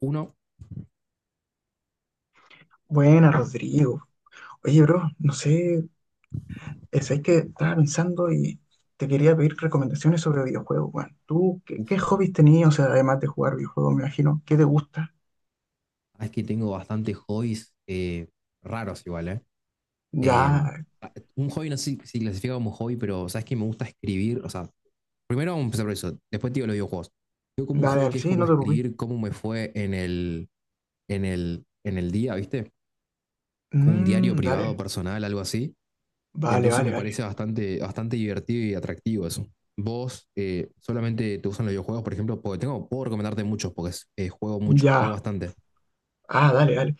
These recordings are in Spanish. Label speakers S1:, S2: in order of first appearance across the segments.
S1: Uno,
S2: Buena, Rodrigo. Oye, bro, no sé, es ahí que estaba pensando y te quería pedir recomendaciones sobre videojuegos, bueno, ¿Tú qué,
S1: uf,
S2: qué hobbies tenías? O sea, además de jugar videojuegos, me imagino. ¿Qué te gusta?
S1: es que tengo bastantes hobbies raros igual, ¿eh? Eh,
S2: Ya,
S1: un hobby no sé si clasifica como hobby, pero sabes que me gusta escribir. O sea, primero vamos a empezar por eso, después te digo los videojuegos. Yo como un
S2: dale,
S1: hobby que
S2: dale,
S1: es
S2: sí,
S1: como
S2: no te
S1: escribir
S2: preocupes.
S1: cómo me fue en en el día, ¿viste? Como un diario privado,
S2: Dale,
S1: personal, algo así.
S2: vale,
S1: Entonces
S2: vale,
S1: me
S2: vale.
S1: parece bastante, bastante divertido y atractivo eso. ¿Vos solamente te usan los videojuegos, por ejemplo? Porque tengo, puedo recomendarte muchos, porque juego mucho, juego
S2: Ya.
S1: bastante.
S2: Ah, dale, dale.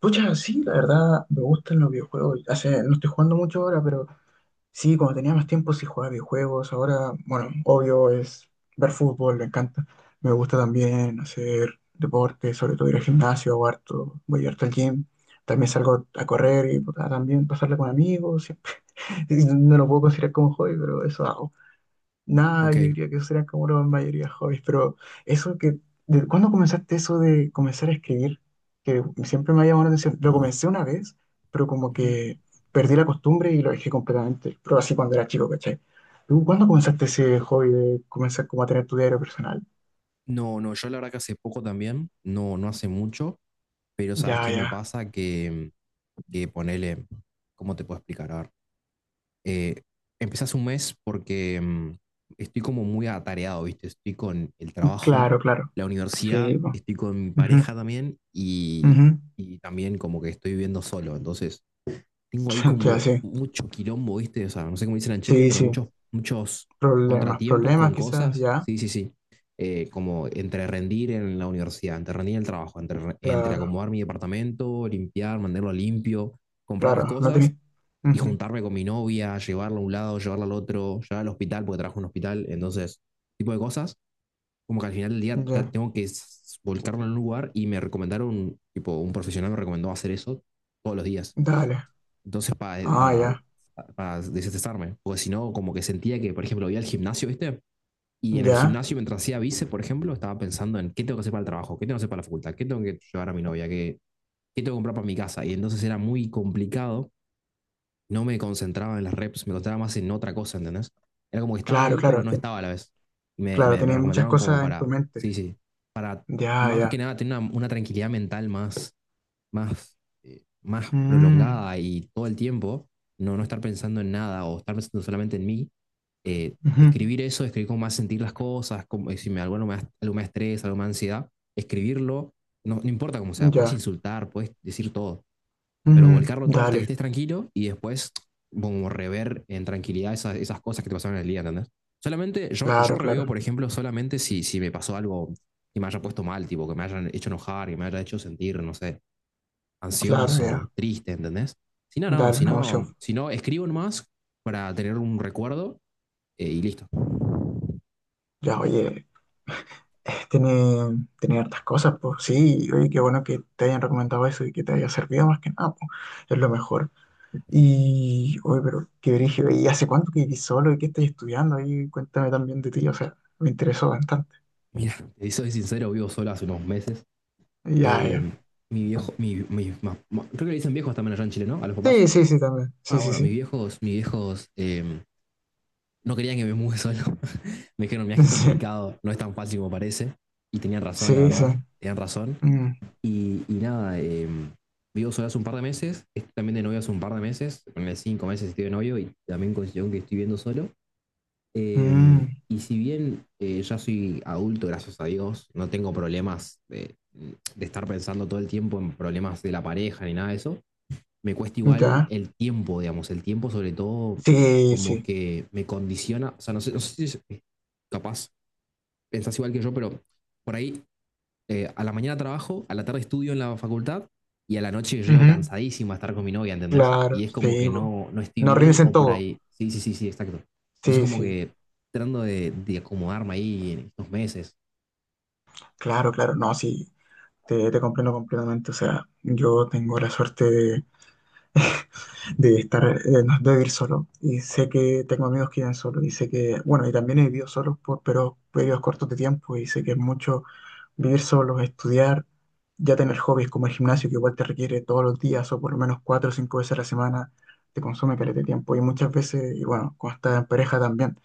S2: Pucha, sí, la verdad, me gustan los videojuegos. No estoy jugando mucho ahora, pero sí, cuando tenía más tiempo sí jugaba videojuegos. Ahora, bueno, obvio es ver fútbol, me encanta. Me gusta también hacer deporte, sobre todo ir al gimnasio, hago harto, voy harto al gym. También salgo a correr y puta, también pasarla con amigos. No lo puedo considerar como hobby, pero eso hago. Nada,
S1: Ok.
S2: yo diría que serían como la mayoría hobbies, eso que, ¿de cuándo comenzaste eso de comenzar a escribir? Que siempre me ha llamado la atención. Lo comencé una vez, pero como
S1: Ujú.
S2: que perdí la costumbre y lo dejé completamente, pero así cuando era chico, ¿cachai? ¿Tú cuándo comenzaste ese hobby de comenzar como a tener tu diario personal?
S1: No, no, yo la verdad que hace poco también, no, no hace mucho, pero ¿sabes
S2: Ya,
S1: qué me
S2: ya,
S1: pasa? Que ponele, ¿cómo te puedo explicar? A ver, eh, empecé hace un mes porque estoy como muy atareado, ¿viste? Estoy con el trabajo,
S2: claro, claro.
S1: la universidad,
S2: Sí, pues.
S1: estoy con mi
S2: Ujú,
S1: pareja también,
S2: ujú.
S1: y también como que estoy viviendo solo. Entonces tengo ahí
S2: Ya,
S1: como
S2: sí,
S1: mucho quilombo, ¿viste? O sea, no sé cómo dicen en Chile,
S2: sí,
S1: pero
S2: sí.
S1: muchos
S2: Problemas,
S1: contratiempos
S2: problemas
S1: con
S2: quizás,
S1: cosas.
S2: ya.
S1: Sí, sí, sí. Como entre rendir en la universidad, entre rendir en el trabajo, entre
S2: Claro,
S1: acomodar mi departamento, limpiar, mantenerlo limpio, comprar las
S2: claro, no
S1: cosas
S2: tenés.
S1: y
S2: Ujú,
S1: juntarme con mi novia, llevarla a un lado, llevarla al otro, llevarla al hospital porque trabajo en un hospital. Entonces, tipo de cosas. Como que al final del día
S2: ya,
S1: tengo que volcarlo en un lugar y me recomendaron, tipo, un profesional me recomendó hacer eso todos los días.
S2: dale.
S1: Entonces,
S2: Ah, ya,
S1: para desestresarme. Porque si no, como que sentía que, por ejemplo, voy al gimnasio, ¿viste? Y en el
S2: ya.
S1: gimnasio, mientras hacía vice, por ejemplo, estaba pensando en qué tengo que hacer para el trabajo, qué tengo que hacer para la facultad, qué tengo que llevar a mi novia, qué tengo que comprar para mi casa. Y entonces era muy complicado. No me concentraba en las reps, me concentraba más en otra cosa, ¿entendés? Era como que estaba
S2: Claro,
S1: ahí, pero
S2: claro,
S1: no estaba a la vez.
S2: claro,
S1: Me
S2: tenías muchas
S1: recomendaron como
S2: cosas en tu
S1: para,
S2: mente.
S1: sí, sí, para
S2: Ya,
S1: más que
S2: ya.
S1: nada tener una tranquilidad mental más, más
S2: Mm,
S1: prolongada y todo el tiempo, no, no estar pensando en nada o estar pensando solamente en mí.
S2: ujú,
S1: Escribir eso, escribir cómo me hace sentir las cosas, cómo, si me, algo me da estrés, algo me da ansiedad, escribirlo. No, no importa cómo sea, puedes
S2: ya.
S1: insultar, puedes decir todo, pero volcarlo todo hasta que
S2: Dale,
S1: estés tranquilo y después como rever en tranquilidad esas cosas que te pasaron en el día, ¿entendés? Solamente, yo
S2: claro,
S1: reveo,
S2: claro,
S1: por ejemplo, solamente si me pasó algo que me haya puesto mal, tipo, que me hayan hecho enojar, que me haya hecho sentir, no sé,
S2: claro,
S1: ansioso,
S2: ya.
S1: triste, ¿entendés? Si no,
S2: Dale,
S1: si
S2: una emoción.
S1: no, si no escribo nomás para tener un recuerdo y listo.
S2: Ya, oye, tiene hartas cosas, pues sí, oye, qué bueno que te hayan recomendado eso y que te haya servido más que nada, pues es lo mejor. Y, oye, pero qué brígido, ¿y hace cuánto que vivís solo y qué estás estudiando? Ahí cuéntame también de ti, o sea, me interesó bastante.
S1: Mira, te soy sincero, vivo solo hace unos meses.
S2: Ya,
S1: Eh,
S2: ya.
S1: mi viejo, creo que le dicen viejos también allá en Chile, ¿no? A los papás.
S2: Sí, sí, sí, también. Sí,
S1: Ah,
S2: sí,
S1: bueno,
S2: sí.
S1: mis viejos no querían que me mude solo. Me dijeron, mira, que es complicado, no es tan fácil como parece. Y tenían razón, la
S2: Sí, sí, sí.
S1: verdad, tenían razón.
S2: Mm,
S1: Nada, vivo solo hace un par de meses, estoy también de novio hace un par de meses, ponele cinco meses estoy de novio y también considero que estoy viviendo solo.
S2: mm,
S1: Y si bien ya soy adulto, gracias a Dios, no tengo problemas de estar pensando todo el tiempo en problemas de la pareja ni nada de eso. Me cuesta igual
S2: ya.
S1: el tiempo, digamos, el tiempo sobre todo
S2: Sí,
S1: como
S2: sí.
S1: que me condiciona. O sea, no sé, no sé si es- capaz pensás igual que yo, pero por ahí a la mañana trabajo, a la tarde estudio en la facultad y a la noche llego
S2: Ujú,
S1: cansadísimo a estar con mi novia, ¿entendés?
S2: claro,
S1: Y es como
S2: sí.
S1: que
S2: Bo.
S1: no, no estoy
S2: No
S1: bien
S2: rindes en
S1: o por
S2: todo.
S1: ahí. Sí, sí, sí, sí, exacto. Entonces
S2: Sí,
S1: como
S2: sí.
S1: que tratando de acomodarme ahí en estos meses.
S2: Claro, claro. No, sí. Te comprendo completamente. O sea, yo tengo la suerte de, de estar, no, de vivir solo. Y sé que tengo amigos que viven solo. Y sé que, bueno, y también he vivido solo por pero periodos cortos de tiempo. Y sé que es mucho vivir solo, estudiar, ya tener hobbies como el gimnasio, que igual te requiere todos los días o por lo menos 4 o 5 veces a la semana, te consume caleta de tiempo. Y muchas veces, y bueno, cuando estás en pareja también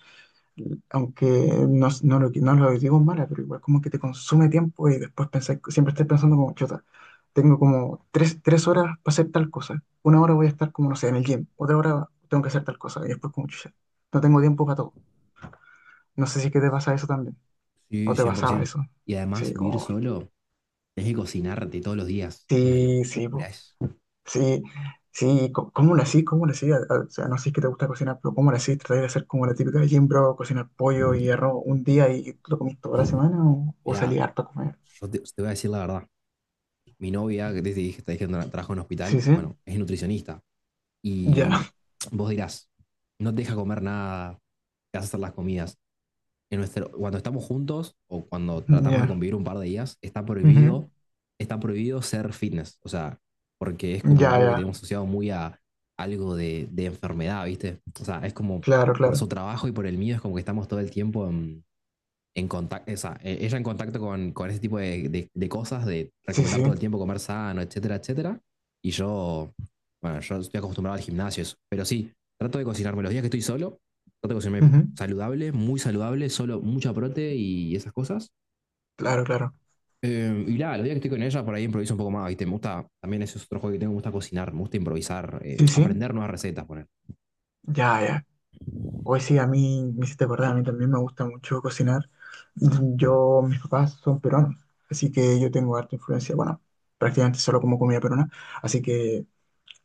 S2: aunque no lo digo en mala, pero igual como que te consume tiempo y después pensás, siempre estás pensando como, chuta, tengo como tres horas para hacer tal cosa, 1 hora voy a estar como, no sé, en el gym, otra hora tengo que hacer tal cosa, y después como, chucha, no tengo tiempo para todo. No sé si es que te pasa eso también, o
S1: Sí,
S2: te pasaba
S1: 100%.
S2: eso.
S1: Y además
S2: Sí,
S1: vivir
S2: oh,
S1: solo, tenés que cocinarte todos los días. Una
S2: sí, sí,
S1: locura
S2: po.
S1: es.
S2: Sí, sí, ¿cómo lo hacís? ¿Cómo lo hacís? O sea, no sé qué te gusta cocinar, pero ¿cómo lo hacís? ¿Tratáis de hacer como la típica de Jim Bro, cocinar pollo y arroz un día y lo comís toda la semana o salí
S1: Mira,
S2: harto a comer?
S1: yo te voy a decir la verdad. Mi novia, que te dije que trabaja en un
S2: Sí,
S1: hospital,
S2: sí,
S1: bueno, es nutricionista. Y
S2: ya,
S1: vos dirás, no te deja comer nada, te hace hacer las comidas. Cuando estamos juntos o cuando tratamos de
S2: ya,
S1: convivir un par de días,
S2: ujú,
S1: está prohibido ser fitness. O sea, porque es como
S2: ya,
S1: algo que
S2: ya,
S1: tenemos asociado muy a algo de enfermedad, ¿viste? O sea, es como
S2: claro,
S1: por
S2: claro,
S1: su trabajo y por el mío, es como que estamos todo el tiempo en contacto, esa, ella en contacto con ese tipo de, de cosas, de
S2: sí,
S1: recomendar
S2: sí,
S1: todo el tiempo comer sano, etcétera, etcétera. Y yo, bueno, yo estoy acostumbrado al gimnasio, eso. Pero sí, trato de cocinarme los días que estoy solo, trato de cocinarme
S2: ujú,
S1: saludable, muy saludable, solo mucha prote y esas cosas.
S2: claro, claro,
S1: Y nada, los días que estoy con ella, por ahí improviso un poco más, ¿viste? Me gusta, también ese es otro juego que tengo, me gusta cocinar, me gusta improvisar,
S2: sí, sí,
S1: aprender nuevas recetas, poner.
S2: ya, ya. Hoy sí, a mí me hiciste acordar, a mí también me gusta mucho cocinar. Yo, mis papás son peruanos, así que yo tengo harta influencia, bueno, prácticamente solo como comida peruana, así que.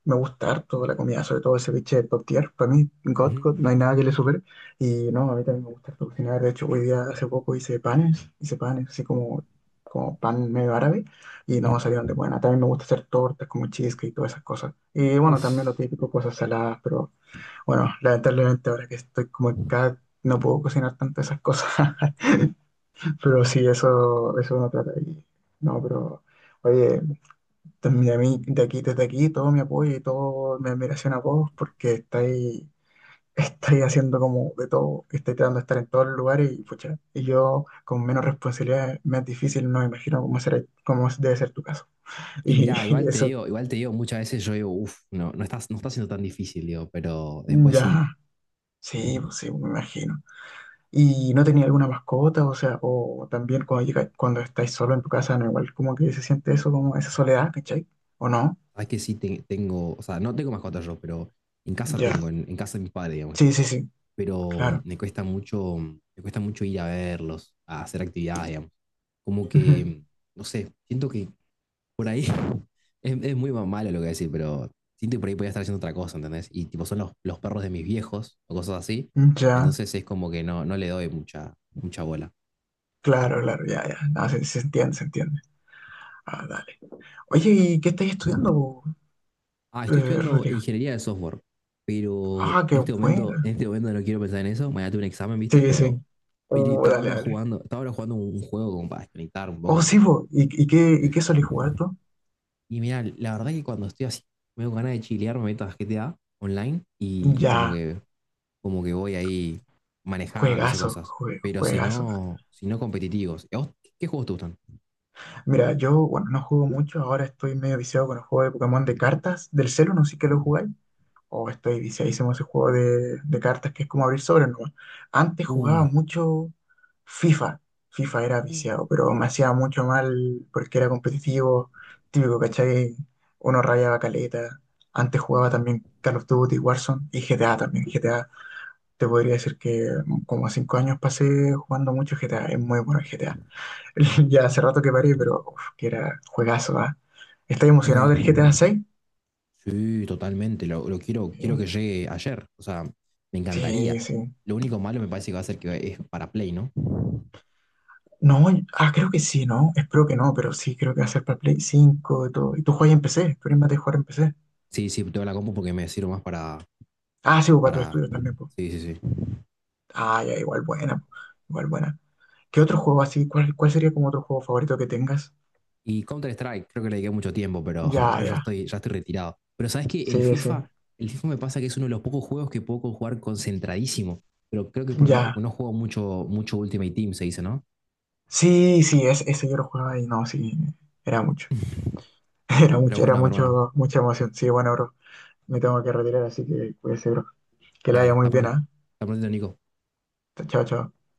S2: Me gusta harto la comida, sobre todo ese biche top tier. Para mí, God,
S1: Ujú,
S2: God, no hay nada que le supere. Y no, a mí también me gusta harto cocinar. De hecho, hoy día, hace poco hice panes, así como pan medio árabe. Y no,
S1: ujú.
S2: salieron de buena. También me gusta hacer tortas como cheesecake y todas esas cosas. Y bueno, también lo
S1: Uf,
S2: típico, cosas saladas, pero bueno, lamentablemente ahora que estoy como en cada. No puedo cocinar tanto esas cosas. Pero sí, eso uno trata. Y, no, pero. Oye, también a mí, de aquí, desde aquí, todo mi apoyo y toda mi admiración a vos, porque estáis, estáis haciendo como de todo, estáis tratando de estar en todos los lugares y pucha, y yo con menos responsabilidad, más difícil, no me imagino cómo será, cómo debe ser tu caso.
S1: Y
S2: Y,
S1: mirá,
S2: eso,
S1: igual te digo, muchas veces yo digo, no, no estás, no está siendo tan difícil, digo, pero después sí.
S2: ya, sí, pues sí, me imagino. ¿Y no tenía alguna mascota? O sea, o también cuando llega, cuando estáis solo en tu casa, no igual como que se siente eso, como esa soledad, ¿cachai? ¿O no?
S1: Sabes que sí tengo. O sea, no tengo mascota yo, pero en casa
S2: Ya.
S1: tengo, en casa de mis padres, digamos. ¿Viste?
S2: Sí, sí, sí,
S1: Pero
S2: claro.
S1: me cuesta mucho ir a verlos, a hacer actividades, digamos. Como
S2: Ujú.
S1: que, no sé, siento que por ahí es muy malo lo que voy a decir, pero siento que por ahí podría estar haciendo otra cosa, ¿entendés? Y tipo, son los perros de mis viejos o cosas así.
S2: Ya.
S1: Entonces es como que no, no le doy mucha, mucha bola.
S2: Claro, claro, ya, ya. Ah, se entiende, se entiende. Ah, dale. Oye, ¿y qué estáis estudiando, po,
S1: Ah, estoy estudiando
S2: Rodrigo?
S1: ingeniería de software, pero
S2: Ah, qué buena.
S1: en este momento no quiero pensar en eso. Mañana tengo un examen, ¿viste?
S2: Sí,
S1: Pero
S2: sí.
S1: y
S2: Oh, dale, dale.
S1: estaba ahora jugando un juego como para desconectar un
S2: Oh,
S1: poco.
S2: sí, po. ¿Y, y qué, y
S1: Ush.
S2: qué solís jugar tú?
S1: Y mira, la verdad que cuando estoy así, me con ganas de chilear, me meto a GTA online y
S2: Ya,
S1: como que voy ahí manejando y esas
S2: juegazo,
S1: cosas. Pero si
S2: juegazo.
S1: no, si no competitivos. ¿Y a vos qué juegos te gustan?
S2: Mira, yo, bueno, no juego mucho. Ahora estoy medio viciado con el juego de Pokémon de cartas. Del celu, no sé qué lo jugáis. O estoy viciadísimo a ese juego de cartas que es como abrir sobres, ¿no? Antes jugaba
S1: Uh,
S2: mucho FIFA. FIFA era
S1: uh,
S2: viciado, pero me hacía mucho mal porque era competitivo, típico, ¿cachai? Uno rayaba caleta. Antes jugaba también Call of Duty, Warzone y GTA también. GTA, te podría decir que como 5 años pasé jugando mucho GTA. Es muy bueno el GTA. Ya hace rato que paré, pero uf, que era juegazo, ¿ah? ¿Estás emocionado del
S1: ok.
S2: GTA 6?
S1: Sí, totalmente. Lo quiero,
S2: Sí,
S1: quiero que llegue ayer. O sea, me
S2: sí,
S1: encantaría.
S2: sí.
S1: Lo único malo me parece que va a ser que es para Play, ¿no?
S2: No, ah, creo que sí, ¿no? Espero que no, pero sí, creo que va a ser para Play 5 y todo. Y tú juegas en PC, tú eres más de jugar en PC.
S1: Sí, sí, tengo la compu porque me sirve más
S2: Ah, sí, pues, para tus
S1: para.
S2: estudios también, pues.
S1: Sí, sí, sí.
S2: Ah, ya, igual buena, po, igual buena. ¿Qué otro juego así? ¿Cuál sería como otro juego favorito que tengas?
S1: Y Counter-Strike, creo que le dediqué mucho tiempo, pero
S2: Ya,
S1: ahora
S2: ya.
S1: ya estoy retirado. Pero ¿sabes que
S2: Sí, sí.
S1: el FIFA me pasa que es uno de los pocos juegos que puedo jugar concentradísimo? Pero creo que porque no,
S2: Ya.
S1: no juego mucho, mucho Ultimate Team, se dice, ¿no?
S2: Sí, sí, ese yo lo jugaba y no, sí. Era mucho.
S1: Pero
S2: Era
S1: bueno, mi hermano,
S2: mucho, mucha emoción. Sí, bueno, bro. Me tengo que retirar, así que cuídese, bro. Que la
S1: dale,
S2: haya muy
S1: está
S2: bien,
S1: pronto.
S2: ¿ah?
S1: Está pronto, Nico.
S2: Chao, chao.